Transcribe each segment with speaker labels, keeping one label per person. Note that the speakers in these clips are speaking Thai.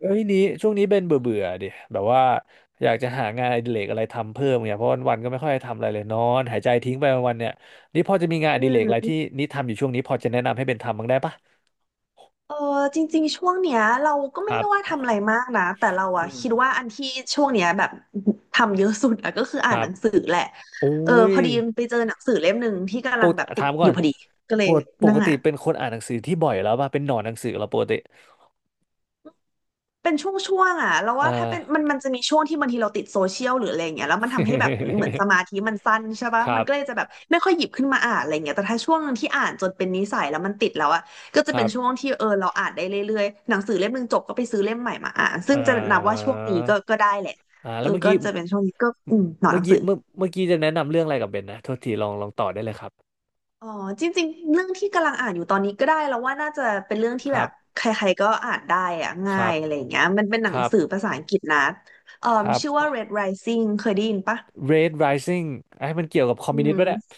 Speaker 1: เอ้ยนี้ช่วงนี้เบนเบื่อเบื่อดิแบบว่าอยากจะหางานอดิเรกอะไรทำเพิ่มเนี่ยเพราะวันๆก็ไม่ค่อยได้ทำอะไรเลยนอนหายใจทิ้งไปวันๆเนี่ยนี่พอจะมีงานอ
Speaker 2: อื
Speaker 1: ดิเรกอะไร
Speaker 2: ม
Speaker 1: ที่นี่ทำอยู่ช่วงนี้พอจะแนะนำให้เบนทำบ้างได้ปะ
Speaker 2: เออจริงๆ ช่วงเนี้ยเราก็
Speaker 1: ค
Speaker 2: ไม่
Speaker 1: รั
Speaker 2: ได้ว่าทำ
Speaker 1: บ
Speaker 2: อะไรมากนะ แต่เราอะ
Speaker 1: อืม
Speaker 2: คิดว่าอันที่ช่วงเนี้ยแบบทำเยอะสุดอะก็คือ
Speaker 1: ค
Speaker 2: อ่าน
Speaker 1: รั
Speaker 2: ห
Speaker 1: บ
Speaker 2: นังสือแหละ
Speaker 1: โอ้
Speaker 2: เออ
Speaker 1: ย
Speaker 2: พอดีไปเจอหนังสือเล่มหนึ่งที่กำ
Speaker 1: ป
Speaker 2: ลั
Speaker 1: ก
Speaker 2: งแบ
Speaker 1: ติ
Speaker 2: บติด
Speaker 1: ถาม
Speaker 2: อ
Speaker 1: ก่อ
Speaker 2: ยู่
Speaker 1: น
Speaker 2: พอดีก็เล
Speaker 1: ป
Speaker 2: ย
Speaker 1: กป
Speaker 2: นั่
Speaker 1: ก
Speaker 2: ง
Speaker 1: ติ
Speaker 2: อ่าน
Speaker 1: เป็นคนอ่านหนังสือที่บ่อยแล้วป่ะเป็นหนอนหนังสือแล้วปกติ
Speaker 2: เป็นช่วงๆอ่ะแล้วว่า
Speaker 1: อ่า
Speaker 2: ถ้าเป็นมันมันจะมีช่วงที่บางทีเราติดโซเชียลหรืออะไรเงี้ยแล้วมันทำให้แบบเหมือนส มาธิมันสั้นใช่ปะ
Speaker 1: ครั
Speaker 2: มัน
Speaker 1: บ
Speaker 2: ก็เลยจะแบบไม่ค่อยหยิบขึ้นมาอ่านอะไรเงี้ยแต่ถ้าช่วงหนึ่งที่อ่านจนเป็นนิสัยแล้วมันติดแล้วอ่ะก็จะ
Speaker 1: ค
Speaker 2: เป็
Speaker 1: รั
Speaker 2: นช่วง
Speaker 1: บ
Speaker 2: ที่เออเราอ่านได้เรื่อยๆหนังสือเล่มหนึ่งจบก็ไปซื้อเล่มใหม่มาอ่านซึ่ง
Speaker 1: อ่า
Speaker 2: จะนับว่าช่วงนี้ก็ได้แหละ
Speaker 1: อ่า
Speaker 2: เอ
Speaker 1: แล้
Speaker 2: อ
Speaker 1: วเมื่อ
Speaker 2: ก็
Speaker 1: กี้
Speaker 2: จะเป็นช่วงนี้ก็หนอนห
Speaker 1: เมื่
Speaker 2: นั
Speaker 1: อ
Speaker 2: ง
Speaker 1: กี้
Speaker 2: สือ
Speaker 1: เมื่อเมื่อกี้จะแนะนำเรื่องอะไรกับเบนนะโทษทีลองต่อได้เลยครับ
Speaker 2: อ๋อจริงๆเรื่องที่กำลังอ่านอยู่ตอนนี้ก็ได้แล้วว่าน่าจะเป็นเรื่องที่
Speaker 1: ค
Speaker 2: แบ
Speaker 1: รั
Speaker 2: บ
Speaker 1: บ
Speaker 2: ใครๆก็อ่านได้อะ
Speaker 1: ค
Speaker 2: ง่า
Speaker 1: รั
Speaker 2: ย
Speaker 1: บ
Speaker 2: อะไรอย่างเงี้ยมันเป็นห
Speaker 1: ค
Speaker 2: นัง
Speaker 1: รับ
Speaker 2: สือภาษาอังกฤษนะเอ่อ
Speaker 1: ครับ
Speaker 2: ชื่อว่า Red Rising เคยได้ยินปะ
Speaker 1: Red Rising ไอ้มันเกี่ยวกับคอม
Speaker 2: อื
Speaker 1: มิวนิสต์ป่ะเนี่ย
Speaker 2: ม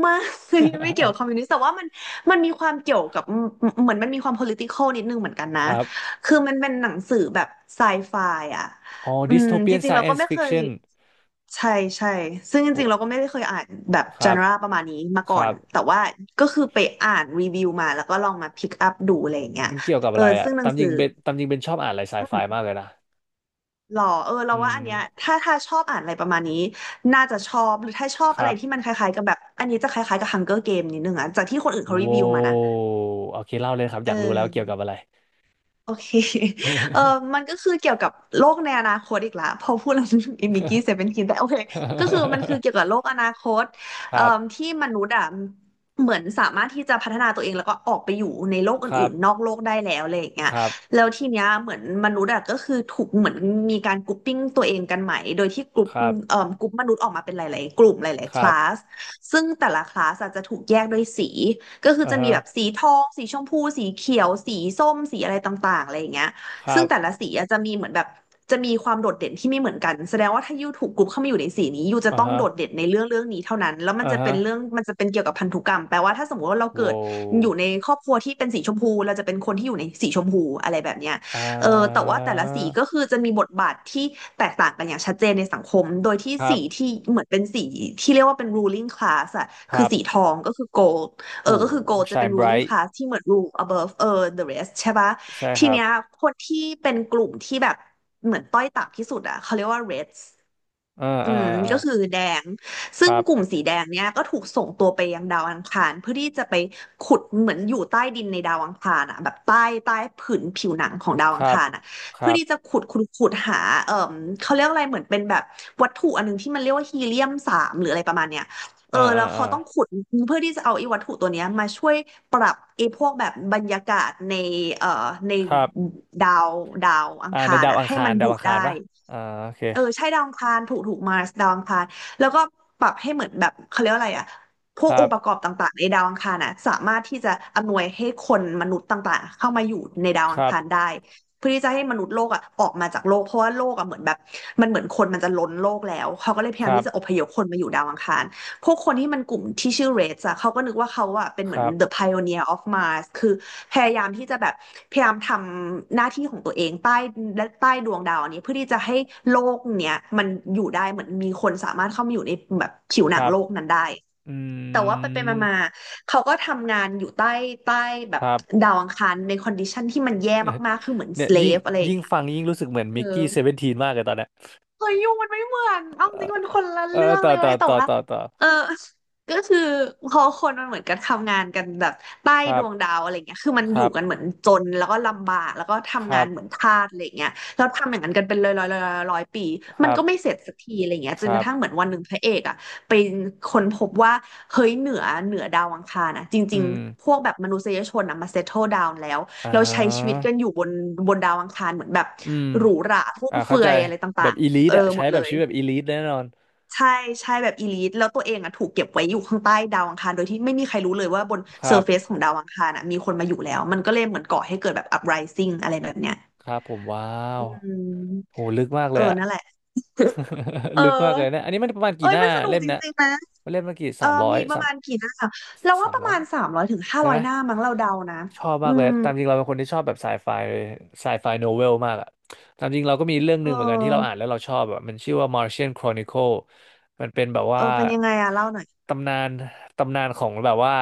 Speaker 2: ไม่ ไม่เกี่ยวกับคอมมิวนิสต์แต่ว่ามันมีความเกี่ยวกับเหมือนมันมีความ political นิดนึงเหมือนกันนะ
Speaker 1: ครับ
Speaker 2: คือมันเป็นหนังสือแบบไซไฟอ่ะ
Speaker 1: อ๋อ
Speaker 2: จ
Speaker 1: Dystopian
Speaker 2: ริงๆเราก็
Speaker 1: Science
Speaker 2: ไม่เคย
Speaker 1: Fiction
Speaker 2: ใช่ใช่ซึ่งจ
Speaker 1: โอ้
Speaker 2: ริงๆเราก็ไม่ได้เคยอ่านแบบ
Speaker 1: ค
Speaker 2: จ
Speaker 1: รั
Speaker 2: n
Speaker 1: บ
Speaker 2: น a ประมาณนี้มา
Speaker 1: ค
Speaker 2: ก่อ
Speaker 1: รั
Speaker 2: น
Speaker 1: บ
Speaker 2: แต่ว่าก็คือไปอ่านรีวิวมาแล้วก็ลองมาพิกอัพดูอะไรอย่างเงี้ย
Speaker 1: มันเกี่ยวกับ
Speaker 2: เออ
Speaker 1: อะไรอะ
Speaker 2: ซึ่งหนั
Speaker 1: ตา
Speaker 2: ง
Speaker 1: มจ
Speaker 2: สือ
Speaker 1: ริงเบนตามจริงเบนชอบอ่านอะไรไซ
Speaker 2: อื
Speaker 1: ไฟ
Speaker 2: ม
Speaker 1: มากเลยนะ
Speaker 2: หรอเออเรา
Speaker 1: อื
Speaker 2: ว่า
Speaker 1: ม
Speaker 2: อันเนี้ยถ้าชอบอ่านอะไรประมาณนี้น่าจะชอบหรือถ้าชอบ
Speaker 1: ค
Speaker 2: อะไร
Speaker 1: รับ
Speaker 2: ที่มันคล้ายๆกับแบบอันนี้จะคล้ายๆกับ Hunger Game นิดนึงอะจากที่คนอื่นเขารี
Speaker 1: โว้
Speaker 2: วิวมานะ
Speaker 1: โอเคเล่าเลยครับ
Speaker 2: เอ
Speaker 1: อยากรู้แล้วเกี่ยวกับ
Speaker 2: อ
Speaker 1: อะไร
Speaker 2: โอเค เออมันก็คือเกี่ยวกับโลกในอนาคตอีกละ พอพูดแล้วนึกถึงอิมิกี้เซเว่นทีนแต่โอเคก็คือมันคือเกี่ยวกับโลกอนาคต
Speaker 1: ครับ
Speaker 2: ที่มนุษย์อ่ะเหมือนสามารถที่จะพัฒนาตัวเองแล้วก็ออกไปอยู่ในโลก
Speaker 1: ครั
Speaker 2: อื่นๆนอก
Speaker 1: บ
Speaker 2: โลกได้แล้วอะไรอย่างเงี้
Speaker 1: ค
Speaker 2: ย
Speaker 1: รับ
Speaker 2: แล้วทีเนี้ยเหมือนมนุษย์อ่ะก็คือถูกเหมือนมีการกรุ๊ปปิ้งตัวเองกันใหม่โดยที่กรุ๊
Speaker 1: ค
Speaker 2: ป
Speaker 1: รับ
Speaker 2: กรุ๊ปมนุษย์ออกมาเป็นหลายๆกลุ่มหลาย
Speaker 1: ค
Speaker 2: ๆค
Speaker 1: รั
Speaker 2: ลา
Speaker 1: บ
Speaker 2: สซึ่งแต่ละคลาสอาจจะถูกแยกด้วยสี ก็คือ
Speaker 1: อ่า
Speaker 2: จะมี
Speaker 1: ฮะ
Speaker 2: แบบสีทองสีชมพูสีเขียวสีส้มสีอะไรต่างๆอะไรอย่างเงี้ย
Speaker 1: ครั
Speaker 2: ซึ่ง
Speaker 1: บ
Speaker 2: แต่ละสีอะจะมีเหมือนแบบจะมีความโดดเด่นที่ไม่เหมือนกันแสดงว่าถ้ายูถูกกรุ๊ปเข้ามาอยู่ในสีนี้ยูจะ
Speaker 1: อ่า
Speaker 2: ต้อง
Speaker 1: ฮะ
Speaker 2: โดดเด่นในเรื่องนี้เท่านั้นแล้วมัน
Speaker 1: อ่า
Speaker 2: จะเป็
Speaker 1: ฮะ
Speaker 2: นเรื่องมันจะเป็นเกี่ยวกับพันธุกรรมแปลว่าถ้าสมมติว่าเรา
Speaker 1: โว
Speaker 2: เกิดอยู่
Speaker 1: ้
Speaker 2: ในครอบครัวที่เป็นสีชมพูเราจะเป็นคนที่อยู่ในสีชมพูอะไรแบบเนี้ย
Speaker 1: อ่า
Speaker 2: เออแต่ว่าแต่ละสีก็คือจะมีบทบาทที่แตกต่างกันอย่างชัดเจนในสังคมโดยที่
Speaker 1: ครั
Speaker 2: สี
Speaker 1: บ
Speaker 2: ที่เหมือนเป็นสีที่เรียกว่าเป็น ruling class อะ
Speaker 1: ค
Speaker 2: คือ
Speaker 1: รับ
Speaker 2: สีทองก็คือ gold เออ
Speaker 1: โอ้
Speaker 2: ก็คือ gold จะ
Speaker 1: ชา
Speaker 2: เป็
Speaker 1: ย
Speaker 2: น
Speaker 1: ไบร
Speaker 2: ruling
Speaker 1: ท์
Speaker 2: class ที่เหมือน rule above เออ the rest ใช่ปะ
Speaker 1: ใช่ค
Speaker 2: ที
Speaker 1: รับ
Speaker 2: เนี้ยคนที่เป็นกลุ่มที่แบบเหมือนต้อยต่ำที่สุดอะเขาเรียกว่า reds
Speaker 1: เอ่า
Speaker 2: อื
Speaker 1: อ่า
Speaker 2: ม
Speaker 1: อ่า
Speaker 2: ก็คือแดง
Speaker 1: ค
Speaker 2: ซึ่ง
Speaker 1: รับ
Speaker 2: กลุ่มสีแดงเนี้ยก็ถูกส่งตัวไปยังดาวอังคารเพื่อที่จะไปขุดเหมือนอยู่ใต้ดินในดาวอังคารอ่ะแบบใต้ผืนผิวหนังของดาว
Speaker 1: ค
Speaker 2: อัง
Speaker 1: รับ
Speaker 2: คารอ่ะ
Speaker 1: ค
Speaker 2: เพื่อ
Speaker 1: รับ
Speaker 2: ที่จะขุดหาเอ่อเขาเรียกอะไรเหมือนเป็นแบบวัตถุอันนึงที่มันเรียกว่าฮีเลียม-3หรืออะไรประมาณเนี้ยเออ
Speaker 1: เอ่า
Speaker 2: แล้
Speaker 1: อ่า
Speaker 2: ว
Speaker 1: อ่า
Speaker 2: เขาต้องขุดเพื่อที่จะเอาไอ้วัตถุตัวเนี้ยมาช่วยปรับไอ้พวกแบบบรรยากาศในเอ่อใน
Speaker 1: ครับ
Speaker 2: ดาวดาวอัง
Speaker 1: อ่า
Speaker 2: คา
Speaker 1: ใน
Speaker 2: ร
Speaker 1: ดาว
Speaker 2: อ่ะ
Speaker 1: อัง
Speaker 2: ให้
Speaker 1: คา
Speaker 2: มั
Speaker 1: ร
Speaker 2: นอ
Speaker 1: ดาว
Speaker 2: ยู่
Speaker 1: อัง
Speaker 2: ได้
Speaker 1: คารปะอ่าโอเค
Speaker 2: เออใช่ดาวอังคารถูกมาร์สดาวอังคารแล้วก็ปรับให้เหมือนแบบเขาเรียกว่าอะไรอะพว
Speaker 1: ค
Speaker 2: กอ
Speaker 1: รั
Speaker 2: ง
Speaker 1: บ
Speaker 2: ค์ประกอบต่างๆในดาวอังคารน่ะสามารถที่จะอำนวยให้คนมนุษย์ต่างๆเข้ามาอยู่ในดาว
Speaker 1: ค
Speaker 2: อัง
Speaker 1: รับ
Speaker 2: คารได้เพื่อที่จะให้มนุษย์โลกอะออกมาจากโลกเพราะว่าโลกอะเหมือนแบบมันเหมือนคนมันจะล้นโลกแล้วเขาก็เลยพยา
Speaker 1: ค
Speaker 2: ยาม
Speaker 1: รับ
Speaker 2: ที่จะอพยพคนมาอยู่ดาวอังคาร พวกคนที่มันกลุ่มที่ชื่อ Reds อะเขาก็นึกว่าเขาอะเป็นเห
Speaker 1: ค
Speaker 2: มือน
Speaker 1: รับ
Speaker 2: the pioneer of Mars คือพยายามที่จะแบบพยายามทำหน้าที่ของตัวเองใต้และใต้ดวงดาวอันนี้เพื่อที่จะให้โลกเนี้ยมันอยู่ได้เหมือนมีคนสามารถเข้ามาอยู่ในแบบผิวห
Speaker 1: ค
Speaker 2: นัง
Speaker 1: รับ
Speaker 2: โลกนั้นได้
Speaker 1: อื
Speaker 2: แต่ว่าไปไปมามา
Speaker 1: ม
Speaker 2: ๆเขาก็ทำงานอยู่ใต้แบ
Speaker 1: ค
Speaker 2: บ
Speaker 1: รับ
Speaker 2: ดาวอังคารในคอนดิชันที่มันแย่มากๆคือเหมือน
Speaker 1: เนี่ยยิ่ง
Speaker 2: slave อะไรอย่าง
Speaker 1: ยิ่ง
Speaker 2: เงี้ย
Speaker 1: ฟังยิ่งรู้สึกเหมือน
Speaker 2: เออ
Speaker 1: มิกกี้เซเวนทีนมากเลยตอนเนี้ย
Speaker 2: เฮ้ยยูมันไม่เหมือนเอาจริงมันคนละ
Speaker 1: เออ
Speaker 2: เรื่อง
Speaker 1: ต่อ
Speaker 2: เลย
Speaker 1: ต่
Speaker 2: เว้
Speaker 1: อ
Speaker 2: ยแต่
Speaker 1: ต่อ
Speaker 2: ว่า
Speaker 1: ต่อต่อ
Speaker 2: เออก็คือพอคนมันเหมือนกันทำงานกันแบบใต้
Speaker 1: ค
Speaker 2: ด
Speaker 1: รับ
Speaker 2: วงดาวอะไรเงี้ยคือมัน
Speaker 1: ค
Speaker 2: อยู่
Speaker 1: รับ
Speaker 2: กันเหมือนจนแล้วก็ลำบากแล้วก็
Speaker 1: ค
Speaker 2: ทำงา
Speaker 1: รั
Speaker 2: น
Speaker 1: บ
Speaker 2: เหมือนทาสอะไรเงี้ยแล้วทำอย่างนั้นกันเป็นร้อยปี
Speaker 1: ค
Speaker 2: มัน
Speaker 1: รับ
Speaker 2: ก็ไม่เสร็จสักทีอะไรเงี้ย
Speaker 1: ค
Speaker 2: จนก
Speaker 1: รั
Speaker 2: ระทั่งเหมื
Speaker 1: บ
Speaker 2: อนวันหนึ่งพระเอกอ่ะไปค้นพบว่าเฮ้ยเหนือดาวอังคารนะจ
Speaker 1: อื
Speaker 2: ริง
Speaker 1: ม
Speaker 2: ๆพวกแบบมนุษยชนอ่ะมาเซตเทิลดาวน์แล้ว
Speaker 1: อ่
Speaker 2: เราใช้ชีวิต
Speaker 1: า
Speaker 2: กันอยู่บนดาวอังคารเหมือนแบบ
Speaker 1: อืม
Speaker 2: หรูหราฟุ่ม
Speaker 1: อ่า
Speaker 2: เฟื
Speaker 1: เข้า
Speaker 2: อ
Speaker 1: ใจ
Speaker 2: ยอะไร
Speaker 1: แบ
Speaker 2: ต่า
Speaker 1: บ
Speaker 2: ง
Speaker 1: อีลิ
Speaker 2: ๆ เอ
Speaker 1: ท
Speaker 2: อ
Speaker 1: อะ
Speaker 2: หม
Speaker 1: ใช้
Speaker 2: ดเล
Speaker 1: แบบ
Speaker 2: ย
Speaker 1: ชีวิตแบบอีลิทแน่นอน
Speaker 2: ใช่ใช่แบบอีลิทแล้วตัวเองอ่ะถูกเก็บไว้อยู่ข้างใต้ดาวอังคารโดยที่ไม่มีใครรู้เลยว่าบน
Speaker 1: ค
Speaker 2: เซ
Speaker 1: รั
Speaker 2: อร์เฟซ
Speaker 1: บ
Speaker 2: ของดาวอังคารอ่ะมีคนมาอยู่แล้วมันก็เลยเหมือนก่อให้เกิดแบบอั r ไรซิ่งอะไรแบบเนี้ย
Speaker 1: ครับผมว้าว
Speaker 2: อื
Speaker 1: โห
Speaker 2: ม
Speaker 1: ลึกมาก
Speaker 2: เอ
Speaker 1: เล
Speaker 2: อ
Speaker 1: ยอะ
Speaker 2: นั่นแหละเอ
Speaker 1: ลึกมากเลย
Speaker 2: อ
Speaker 1: เนะอันนี้มันประมาณ
Speaker 2: เอ้
Speaker 1: กี่
Speaker 2: ย
Speaker 1: หน้า
Speaker 2: มันสนุก
Speaker 1: เล่ม
Speaker 2: จ
Speaker 1: นะ
Speaker 2: ริงๆนะ
Speaker 1: เล่มมันกี่
Speaker 2: เอ
Speaker 1: สา
Speaker 2: อ
Speaker 1: มร้อย
Speaker 2: มีประ
Speaker 1: สาม
Speaker 2: มาณกี่หน้าเราว่า
Speaker 1: สาม
Speaker 2: ประ
Speaker 1: ร้อย
Speaker 2: มาณสามร้อยถึงห้า
Speaker 1: ใช่
Speaker 2: ร้อ
Speaker 1: ไหม
Speaker 2: ยหน้ามั้งเราเดานะ
Speaker 1: ชอบ
Speaker 2: อื
Speaker 1: มากเลย
Speaker 2: ม
Speaker 1: ตามจริงเราเป็นคนที่ชอบแบบไซไฟไซไฟโนเวลมากอะตามจริงเราก็มีเรื่องห
Speaker 2: เอ
Speaker 1: นึ่งเหมือนกันที่เราอ่าน
Speaker 2: อ
Speaker 1: แล้วเราชอบอะมันชื่อว่า Martian Chronicle มันเป็นแบบ
Speaker 2: เอ
Speaker 1: ว่า
Speaker 2: อเป็นยังไงอะเล่าหน่อย
Speaker 1: ตำนานตำนานของแบบว่า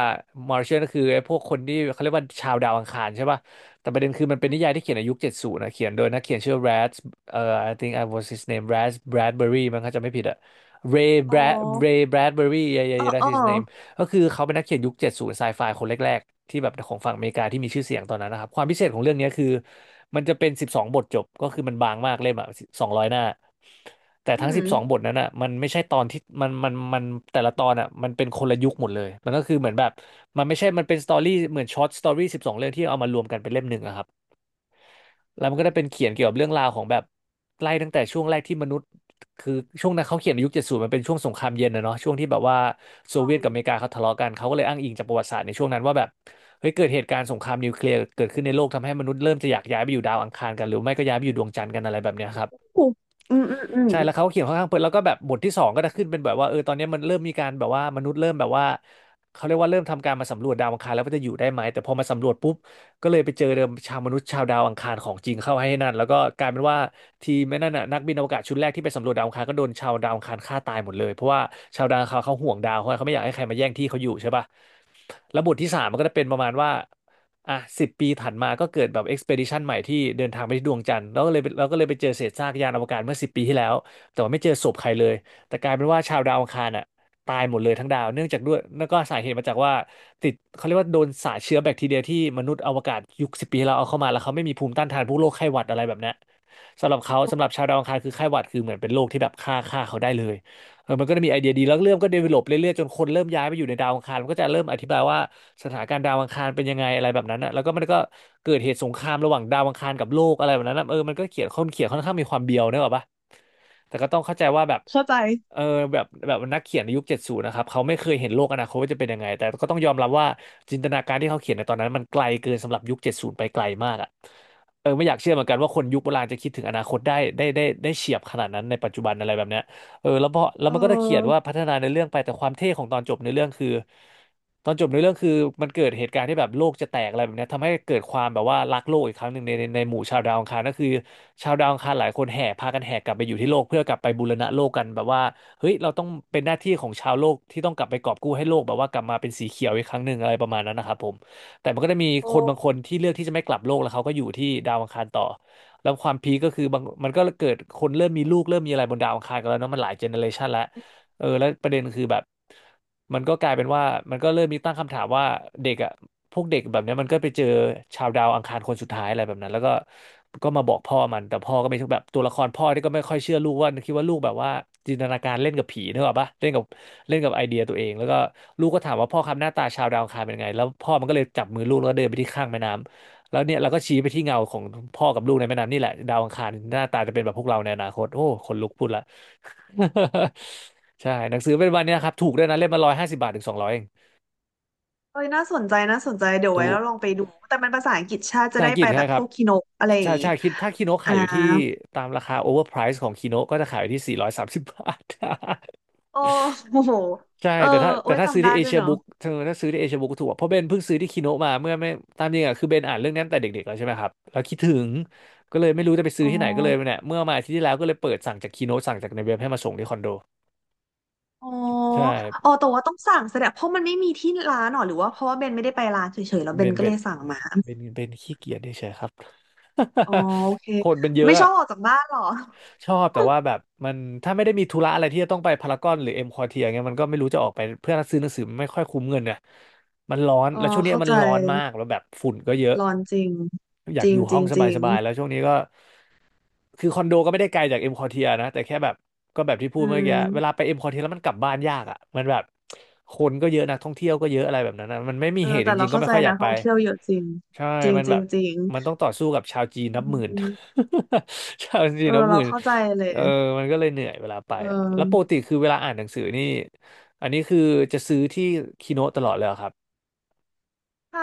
Speaker 1: Martian ก็คือไอ้พวกคนที่เขาเรียกว่าชาวดาวอังคารใช่ป่ะแต่ประเด็นคือมันเป็นนิยายที่เขียนในยุค70นะเขียนโดยนักเขียนชื่อ Brad เอ่อ I think I was his name Brad Bradbury มั้งถ้าจำไม่ผิดอะ Ray
Speaker 2: อ๋อ
Speaker 1: Brad Ray Bradbury yeah yeah
Speaker 2: เออ
Speaker 1: yeah
Speaker 2: เออ
Speaker 1: that's his name ก็คือเขาเป็นนักเขียนยุค70ไซไฟคนแรกๆที่แบบของฝั่งอเมริกาที่มีชื่อเสียงตอนนั้นนะครับความพิเศษของเรื่องนี้คือมันจะเป็นสิบสองบทจบก็คือมันบางมากเล่มอ่ะ200 หน้าแต่
Speaker 2: อื
Speaker 1: ทั้งสิบสองบ
Speaker 2: ม
Speaker 1: ทนั้นอ่ะมันไม่ใช่ตอนที่มันแต่ละตอนอ่ะมันเป็นคนละยุคหมดเลยมันก็คือเหมือนแบบมันไม่ใช่มันเป็นสตอรี่เหมือนช็อตสตอรี่12 เรื่องที่เอามารวมกันเป็นเล่มหนึ่งอะครับ แล้วมันก็ได้เป็นเขียนเกี่ยวกับเรื่องราวของแบบไล่ตั้งแต่ช่วงแรกที่มนุษย์คือช่วงนั้นเขาเขียนในยุค70มันเป็นช่วงสงครามเย็นนะเนาะช่วงที่แบบว่าโซเวียตกับอเมริกาเขาทะเลาะกันเขาก็เลยอ้างอิงจากประวัติศาสตร์ในช่วงนั้นว่าแบบเฮ้ยเกิดเหตุการณ์สงครามนิวเคลียร์เกิดขึ้นในโลกทำให้มนุษย์เริ่มจะอยากย้ายไปอยู่ดาวอังคารกันหรือไม่ก็ย้ายไปอยู่ดวงจันทร์กันอะไรแบบเนี้ยครับ
Speaker 2: อืมอืมอืม
Speaker 1: ใช่แล้วเขาก็เขียนค่อนข้างเปิดแล้วก็แบบบทที่สองก็จะขึ้นเป็นแบบว่าเออตอนนี้มันเริ่มมีการแบบว่ามนุษย์เริ่มแบบว่าเขาเรียกว่าเริ่มทำการมาสำรวจดาวอังคารแล้วว่าจะอยู่ได้ไหมแต่พอมาสำรวจปุ๊บ ก็เลยไปเจอเดิมชาวมนุษย์ชาวดาวอังคารของจริงเข้าให้นั่นแล้วก็กลายเป็นว่าทีมนั่นน่ะนักบินอวกาศชุดแรกที่ไปสำรวจดาวอังคารก็โดนชาวดาวอังคารฆ่าตายหมดเลยเพราะว่าชาวดาวอังคารเขาห่วงดาวเขาไม่อยากให้ใครมาแย่งที่เขาอยู่ใช่ป่ะแล้วบทที่สามมันก็จะเป็นประมาณว่าอ่ะ10 ปีถัดมาก็เกิดแบบเอ็กซเพดิชันใหม่ที่เดินทางไปที่ดวงจันทร์แล้วก็เลยแล้วก็เลยไปเจอเศษซากยานอวกาศเมื่อ10 ปีที่แล้วแต่ว่าไม่เจอศพใครเลยแต่กลายเป็นว่าชาวดาวอังคารอ่ะ ตายหมดเลยทั้งดาวเนื่องจากด้วยแล้วก็สาเหตุมาจากว่าติดเขาเรียกว่าโดนสารเชื้อแบคทีเรียที่มนุษย์อวกาศยุคสิบปีที่แล้วเอาเข้ามาแล้วเขาไม่มีภูมิต้านทานพวกโรคไข้หวัดอะไรแบบเนี้ยสำหรับเขาสำหรับชาวดาวอังคารคือไข้หวัดคือเหมือนเป็นโรคที่แบบฆ่าเขาได้เลยเออมันก็จะมีไอเดียดีแล้วเรื่องก็เดเวลลอปเรื่อยๆจนคนเริ่มย้ายไปอยู่ในดาวอังคารมันก็จะเริ่มอธิบายว่าสถานการณ์ดาวอังคารเป็นยังไงอะไรแบบนั้นนะแล้วก็มันก็เกิดเหตุสงครามระหว่างดาวอังคารกับโลกอะไรแบบนั้นนะเออมันก็เขียนค่อนเขียนค่อนข้างมีความเบียวเนกอะปะ แต่ก็ต้องเข้าใจว่าแบบเออแบบนักเขียนในยุคเจ็ดศูนย์นะครับเขาไม่เคยเห็นโลกอนาคตว่าจะเป็นยังไงแต่ก็ต้องยอมรับว่าจินตนาการที่เขาเขียนในตอนนั้นมันไกลเกินสำหรับยุคเจ็ดศูนย์ไปไกลมากอ่ะเออไม่อยากเชื่อเหมือนกันว่าคนยุคโบราณจะคิดถึงอนาคตได้เฉียบขนาดนั้นในปัจจุบันอะไรแบบเนี้ย เออแล้วพอแล้
Speaker 2: เ
Speaker 1: วมันก็จะเขียน
Speaker 2: ออ
Speaker 1: ว่าพัฒนาในอเรื่องไปแต่ความเท่ของตอนจบในอเรื่องคือตอนจบในอเรื่องคือมันเกิดเหตุการณ์ที่แบบโลกจะแตกอะไรแบบเนี้ยทำให้เกิดความแบบว่ารักโลกอีกครั้งหนึ่งในหมู่ชาวดาวอังคารก็คือชาวดาวอังคารหลายคนแห่พากันแห่กลับไปอยู่ที่โลกเพื่อกลับไปบูรณะโลกกันแบบว่าเฮ้ยเราต้องเป็นหน้าที่ของชาวโลกที่ต้องกลับไปกอบกู้ให้โลกแบบว่ากลับมาเป็นสีเขียวอีกครั้งหนึ่งอะไรประมาณนั้นนะครับผมแต่มันก็จะมีคนบางค
Speaker 2: โอ้
Speaker 1: นที่เลือกที่จะไม่กลับโลกแล้วเขาก็อยู่ที่ดาวอังคารต่อ แล้วความพีคก็คือบางมันก็เกิดคนเริ่มมีลูกเริ่มมีอะไรบนดาวอังคารกันแล้วเนาะมันหลายเจเนอเรชันแล้วเออแล้วประเด็นคือแบบมันก็กลายเป็นว่ามันก็เริ่มมีตั้งคำถามว่าเด็กอ่ะพวกเด็กแบบเนี้ยมันก็ไปเจอชาวดาวอังคารคนสุดท้ายอะไรแบบนั้นแล้วก็ก็มาบอกพ่อมันแต่พ่อก็ไม่ใช่แบบตัวละครพ่อที่ก็ไม่ค่อยเชื่อลูกว่าคิดว่าลูกแบบว่าจินตนาการเล่นกับผีนึกออกปะเล่นกับเล่นกับไอเดียตัวเองแล้วก็ลูกก็ถามว่าพ่อครับหน้าตาชาวดาวอังคารเป็นไงแล้วพ่อมันก็เลยจับมือลูกแล้วเดินไปที่ข้างแม่น้ำ แล้วเนี่ยเราก็ชี้ไปที่เงาของพ่อกับลูกในแม่น้ำนี่แหละดาวอังคารหน้าตาจะเป็นแบบพวกเราในอนาคตโอ้คนลุกพูดละ ใช่หนังสือเป็นวันเนี้นะครับถูกด้วยนะเล่มละ150 บาทถึง200เอง
Speaker 2: เอ้ยน่าสนใจน่าสนใจเดี๋ยวไว้
Speaker 1: ถู
Speaker 2: แล้
Speaker 1: ก
Speaker 2: วลองไปดูแต่มันภาษาอังกฤษชาติ
Speaker 1: ภา
Speaker 2: จะ
Speaker 1: ษา
Speaker 2: ได้
Speaker 1: อังกฤ
Speaker 2: ไป
Speaker 1: ษ
Speaker 2: แบ
Speaker 1: ใช่
Speaker 2: บ
Speaker 1: ค
Speaker 2: พ
Speaker 1: รั
Speaker 2: ว
Speaker 1: บ
Speaker 2: กคีโนอะไรอย่า
Speaker 1: ใช่
Speaker 2: งงี้
Speaker 1: ใช่คิดถ้าคีโน
Speaker 2: อ่า
Speaker 1: ขายอยู่ที่ตามราคาโอเวอร์ไพรส์ของคีโนก็จะขายอยู่ที่430 บาท
Speaker 2: โอ้ โห
Speaker 1: ใช่
Speaker 2: เออ
Speaker 1: แต่ถ้า
Speaker 2: โอ้
Speaker 1: แต่
Speaker 2: ย
Speaker 1: ถ้าซื้อ
Speaker 2: จำได้
Speaker 1: ที่เอ
Speaker 2: ด้ว
Speaker 1: เชี
Speaker 2: ย
Speaker 1: ย
Speaker 2: เนาะ
Speaker 1: บุ๊กเธอถ้าซื้อที่เอเชียบุ๊กถูกกว่าเพราะเบนเพิ่งซื้อที่คิโนะมาเมื่อไม่ตามจริงอ่ะคือเบนอ่านเรื่องนี้ตั้งแต่เด็กๆแล้วใช่ไหมครับแล้วคิดถึงก็เลยไม่รู้จะไป
Speaker 2: อ๋
Speaker 1: ซื้
Speaker 2: อ
Speaker 1: อที่ไหนก็เลยเนี่ยเมื่อมาอาทิตย์ที่แล้วก็เลยเปิดสั่งจากคิโนะสั่งจากในเว็บให้มาส่งที่คอนโด
Speaker 2: อ๋อ
Speaker 1: ใช
Speaker 2: อ๋
Speaker 1: ่
Speaker 2: อแต่ว่าต้องสั่งแสดงเพราะมันไม่มีที่ร้านหรอหรือว่าเพราะว่าเบนไม่ได้ไปร้านเฉยๆแล้วเบ
Speaker 1: เบ
Speaker 2: น
Speaker 1: น
Speaker 2: ก็
Speaker 1: เบ
Speaker 2: เล
Speaker 1: น
Speaker 2: ยสั่งมา
Speaker 1: ขี้เกียจเฉยๆครับ
Speaker 2: อ๋อโอเค
Speaker 1: คนมันเย
Speaker 2: ไม่
Speaker 1: อะ
Speaker 2: ชอ
Speaker 1: อะ
Speaker 2: บออกจากบ้านหรอ
Speaker 1: ชอบแต่ว่าแบบมันถ้าไม่ได้มีธุระอะไรที่จะต้องไปพารากอนหรือเอ็มควอเทียเงี้ยมันก็ไม่รู้จะออกไปเพื่อซื้อหนังสือมันไม่ค่อยคุ้มเงินเนี่ยมันร้อน
Speaker 2: อ๋อ
Speaker 1: แล้วช่วงนี้
Speaker 2: เข้า
Speaker 1: มั
Speaker 2: ใจ
Speaker 1: นร้อนมากแล้วแบบฝุ่นก็เยอะ
Speaker 2: ร้อนจริง
Speaker 1: อยา
Speaker 2: จ
Speaker 1: ก
Speaker 2: ริ
Speaker 1: อ
Speaker 2: ง
Speaker 1: ยู่
Speaker 2: จ
Speaker 1: ห้
Speaker 2: ริ
Speaker 1: อง
Speaker 2: งจริ
Speaker 1: ส
Speaker 2: ง
Speaker 1: บายๆแล้วช่วงนี้ก็ คือคอนโดก็ไม่ได้ไกลจากเอ็มคอเทียนะแต่แค่แบบก็แบบที่พู
Speaker 2: อื
Speaker 1: ดเมื่อกี้เวลา
Speaker 2: ม
Speaker 1: ไปเอ็มคอเทียแล้วมันกลับบ้านยากอ่ะมันแบบคนก็เยอะนักท่องเที่ยวก็เยอะอะไรแบบนั้นนะมันไม่มี
Speaker 2: เออ
Speaker 1: เหตุ
Speaker 2: แต่
Speaker 1: จ
Speaker 2: เรา
Speaker 1: ริงๆก็
Speaker 2: เข้า
Speaker 1: ไม่
Speaker 2: ใจ
Speaker 1: ค่อยอ
Speaker 2: นะ
Speaker 1: ยากไป
Speaker 2: ท่องเที่ยวเยอะจริง
Speaker 1: ใช่
Speaker 2: จริง
Speaker 1: มัน
Speaker 2: จ
Speaker 1: แบ
Speaker 2: ริง
Speaker 1: บ
Speaker 2: จริง
Speaker 1: มันต้องต่อสู้กับชาวจีน
Speaker 2: อื
Speaker 1: นับหมื่น
Speaker 2: ม
Speaker 1: ชาวจี
Speaker 2: เอ
Speaker 1: น
Speaker 2: อ
Speaker 1: นับห
Speaker 2: เรา
Speaker 1: มื่น
Speaker 2: เข้าใจเล
Speaker 1: เออ
Speaker 2: ย
Speaker 1: มันก็เลยเหนื่อยเวลาไป
Speaker 2: เอ
Speaker 1: อะแล้วปกติ
Speaker 2: อ
Speaker 1: คือเวลาอ่านหนังสือนี่อันนี้คือจะซื้อที่คีโนตลอดเลยเหรอครับ
Speaker 2: ใช่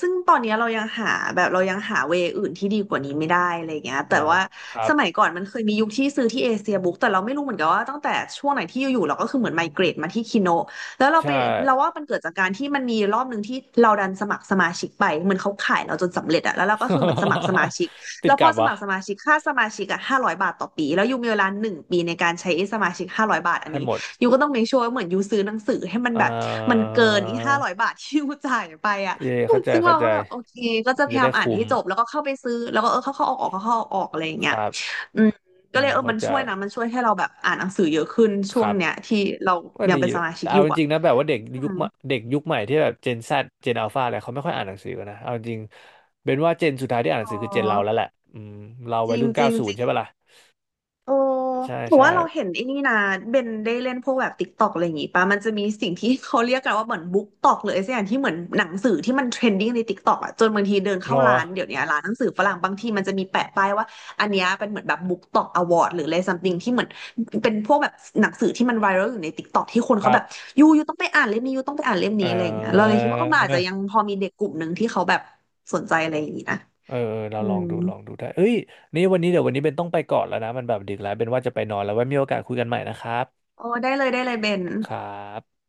Speaker 2: ซึ่งตอนเนี้ยเรายังหาแบบเรายังหาเวยอื่นที่ดีกว่านี้ไม่ได้อะไรเงี้ย
Speaker 1: เอ
Speaker 2: แต่
Speaker 1: อ
Speaker 2: ว่า
Speaker 1: ครั
Speaker 2: ส
Speaker 1: บ
Speaker 2: มัยก่อนมันเคยมียุคที่ซื้อที่เอเชียบุ๊กแต่เราไม่รู้เหมือนกันว่าตั้งแต่ช่วงไหนที่อยู่ๆเราก็คือเหมือนไมเกรตมาที่คิโนะแล้วเราไป
Speaker 1: ใช่
Speaker 2: เราว่ามันเกิดจากการที่มันมีรอบหนึ่งที่เราดันสมัครสมาชิกไปเหมือนเขาขายเราจนสำเร็จอะแล้วเราก็คือเหมือนสมัครสมา ชิก
Speaker 1: ติ
Speaker 2: แล้
Speaker 1: ด
Speaker 2: วพ
Speaker 1: ก
Speaker 2: อ
Speaker 1: ลับ
Speaker 2: สมัครส
Speaker 1: วะ
Speaker 2: มาชิกค่าสมาชิกอะห้าร้อยบาทต่อปีแล้วยูมีเวลา1 ปีในการใช้ไอ้สมาชิกห้าร้อยบาทอัน
Speaker 1: ให้
Speaker 2: นี้
Speaker 1: หมด
Speaker 2: ยูก็ต้อง make sure ว่าเหมือนยูซื้อหนังสือให้มัน
Speaker 1: เอ่
Speaker 2: แบบมันเกินอีห้าร้อย
Speaker 1: อ
Speaker 2: บาทที่ยูจ่ายไปอะ
Speaker 1: เย่เข้าใจ
Speaker 2: ซึ่ง
Speaker 1: เข้า
Speaker 2: เรา
Speaker 1: ใจ
Speaker 2: ก็แบบโอเคก็จะ
Speaker 1: มัน
Speaker 2: พ
Speaker 1: จะ
Speaker 2: ยายา
Speaker 1: ได้
Speaker 2: มอ่าน
Speaker 1: คุ้
Speaker 2: ให้
Speaker 1: ม
Speaker 2: จบแล้วก็เข้าไปซื้อแล้วก็เออเข้าเข้าออกออกเข้าเข้าออกออกอะไรอย่าง
Speaker 1: ค
Speaker 2: เงี้ย
Speaker 1: รับ
Speaker 2: อืมก็
Speaker 1: อื
Speaker 2: เล
Speaker 1: ม
Speaker 2: ยเออ
Speaker 1: เข้า
Speaker 2: มัน
Speaker 1: ใจ
Speaker 2: ช่วยนะมันช่วยให้เราแบบอ่านหนังสือเยอะขึ้น
Speaker 1: ค
Speaker 2: ช่วง
Speaker 1: รั
Speaker 2: เนี้ย
Speaker 1: บ
Speaker 2: ที่เรา
Speaker 1: ก็
Speaker 2: ยัง
Speaker 1: ดี
Speaker 2: เป็น
Speaker 1: แห
Speaker 2: ส
Speaker 1: ละ
Speaker 2: มาชิ
Speaker 1: แต่
Speaker 2: กอ
Speaker 1: เอา
Speaker 2: ยู่
Speaker 1: จ
Speaker 2: อ่ะ
Speaker 1: ริงๆนะแบบว่าเด็ก
Speaker 2: อื
Speaker 1: ยุค
Speaker 2: ม
Speaker 1: ใหม่เด็กยุคใหม่ที่แบบเจน Z เจนอัลฟาอะไรเขาไม่ค่อยอ่านหนังสือกันนะเอาจริงเป็นว่าเจนสุดท้ายที่อ่านห
Speaker 2: อ๋
Speaker 1: นัง
Speaker 2: อ
Speaker 1: สือคือเจนเราแล้วแหละอืมเรา
Speaker 2: จ
Speaker 1: วัย
Speaker 2: ริง
Speaker 1: รุ่น
Speaker 2: จ
Speaker 1: เก้า
Speaker 2: ริง
Speaker 1: ศูนย์ใช่ปะล่ะ
Speaker 2: เออ
Speaker 1: ใช่
Speaker 2: ผม
Speaker 1: ใช่
Speaker 2: ว่าเราเห็นไอ้นี่นะเบนได้เล่นพวกแบบติ๊กตอกอะไรอย่างงี้ปะมันจะมีสิ่งที่เขาเรียกกันว่าเหมือนบุ๊กตอกเลยสักอย่างที่เหมือนหนังสือที่มันเทรนดิ้งในติ๊กตอกอะจนบางทีเดิน
Speaker 1: ร
Speaker 2: เข้า
Speaker 1: อ
Speaker 2: ร้านเดี๋ยวนี้ร้านหนังสือฝรั่งบางทีมันจะมีแปะป้ายว่าอันเนี้ยเป็นเหมือนแบบบุ๊กตอกอวอร์ดหรืออะไรซัมติงที่เหมือนเป็นพวกแบบหนังสือที่มันไวรัลอยู่ในติ๊กตอกที่คน
Speaker 1: ค
Speaker 2: เขา
Speaker 1: รั
Speaker 2: แบ
Speaker 1: บ
Speaker 2: บยูต้องไปอ่านเล่มนี้ยูต้องไปอ่านเล่ม
Speaker 1: เอ
Speaker 2: นี้อะไรอย่างเงี้ยเรา
Speaker 1: อเ
Speaker 2: เลยคิดว่าเออมันอาจจะยัง
Speaker 1: ออ
Speaker 2: พอมีเด็กกลุ่มหนึ่งที่เขาแบบสนใจอะไรอย่างงี้นะ
Speaker 1: เออเรา
Speaker 2: อื
Speaker 1: ลอง
Speaker 2: ม
Speaker 1: ดูลองดูได้เอ้ยนี่วันนี้เดี๋ยววันนี้เป็นต้องไปก่อนแล้วนะมันแบบดึกแล้วเป็นว่าจะไปนอนแล้วไว้มีโอกาสคุยกันใหม่นะครับ
Speaker 2: โอ้ได้เลยได้เลยเบน
Speaker 1: ครับ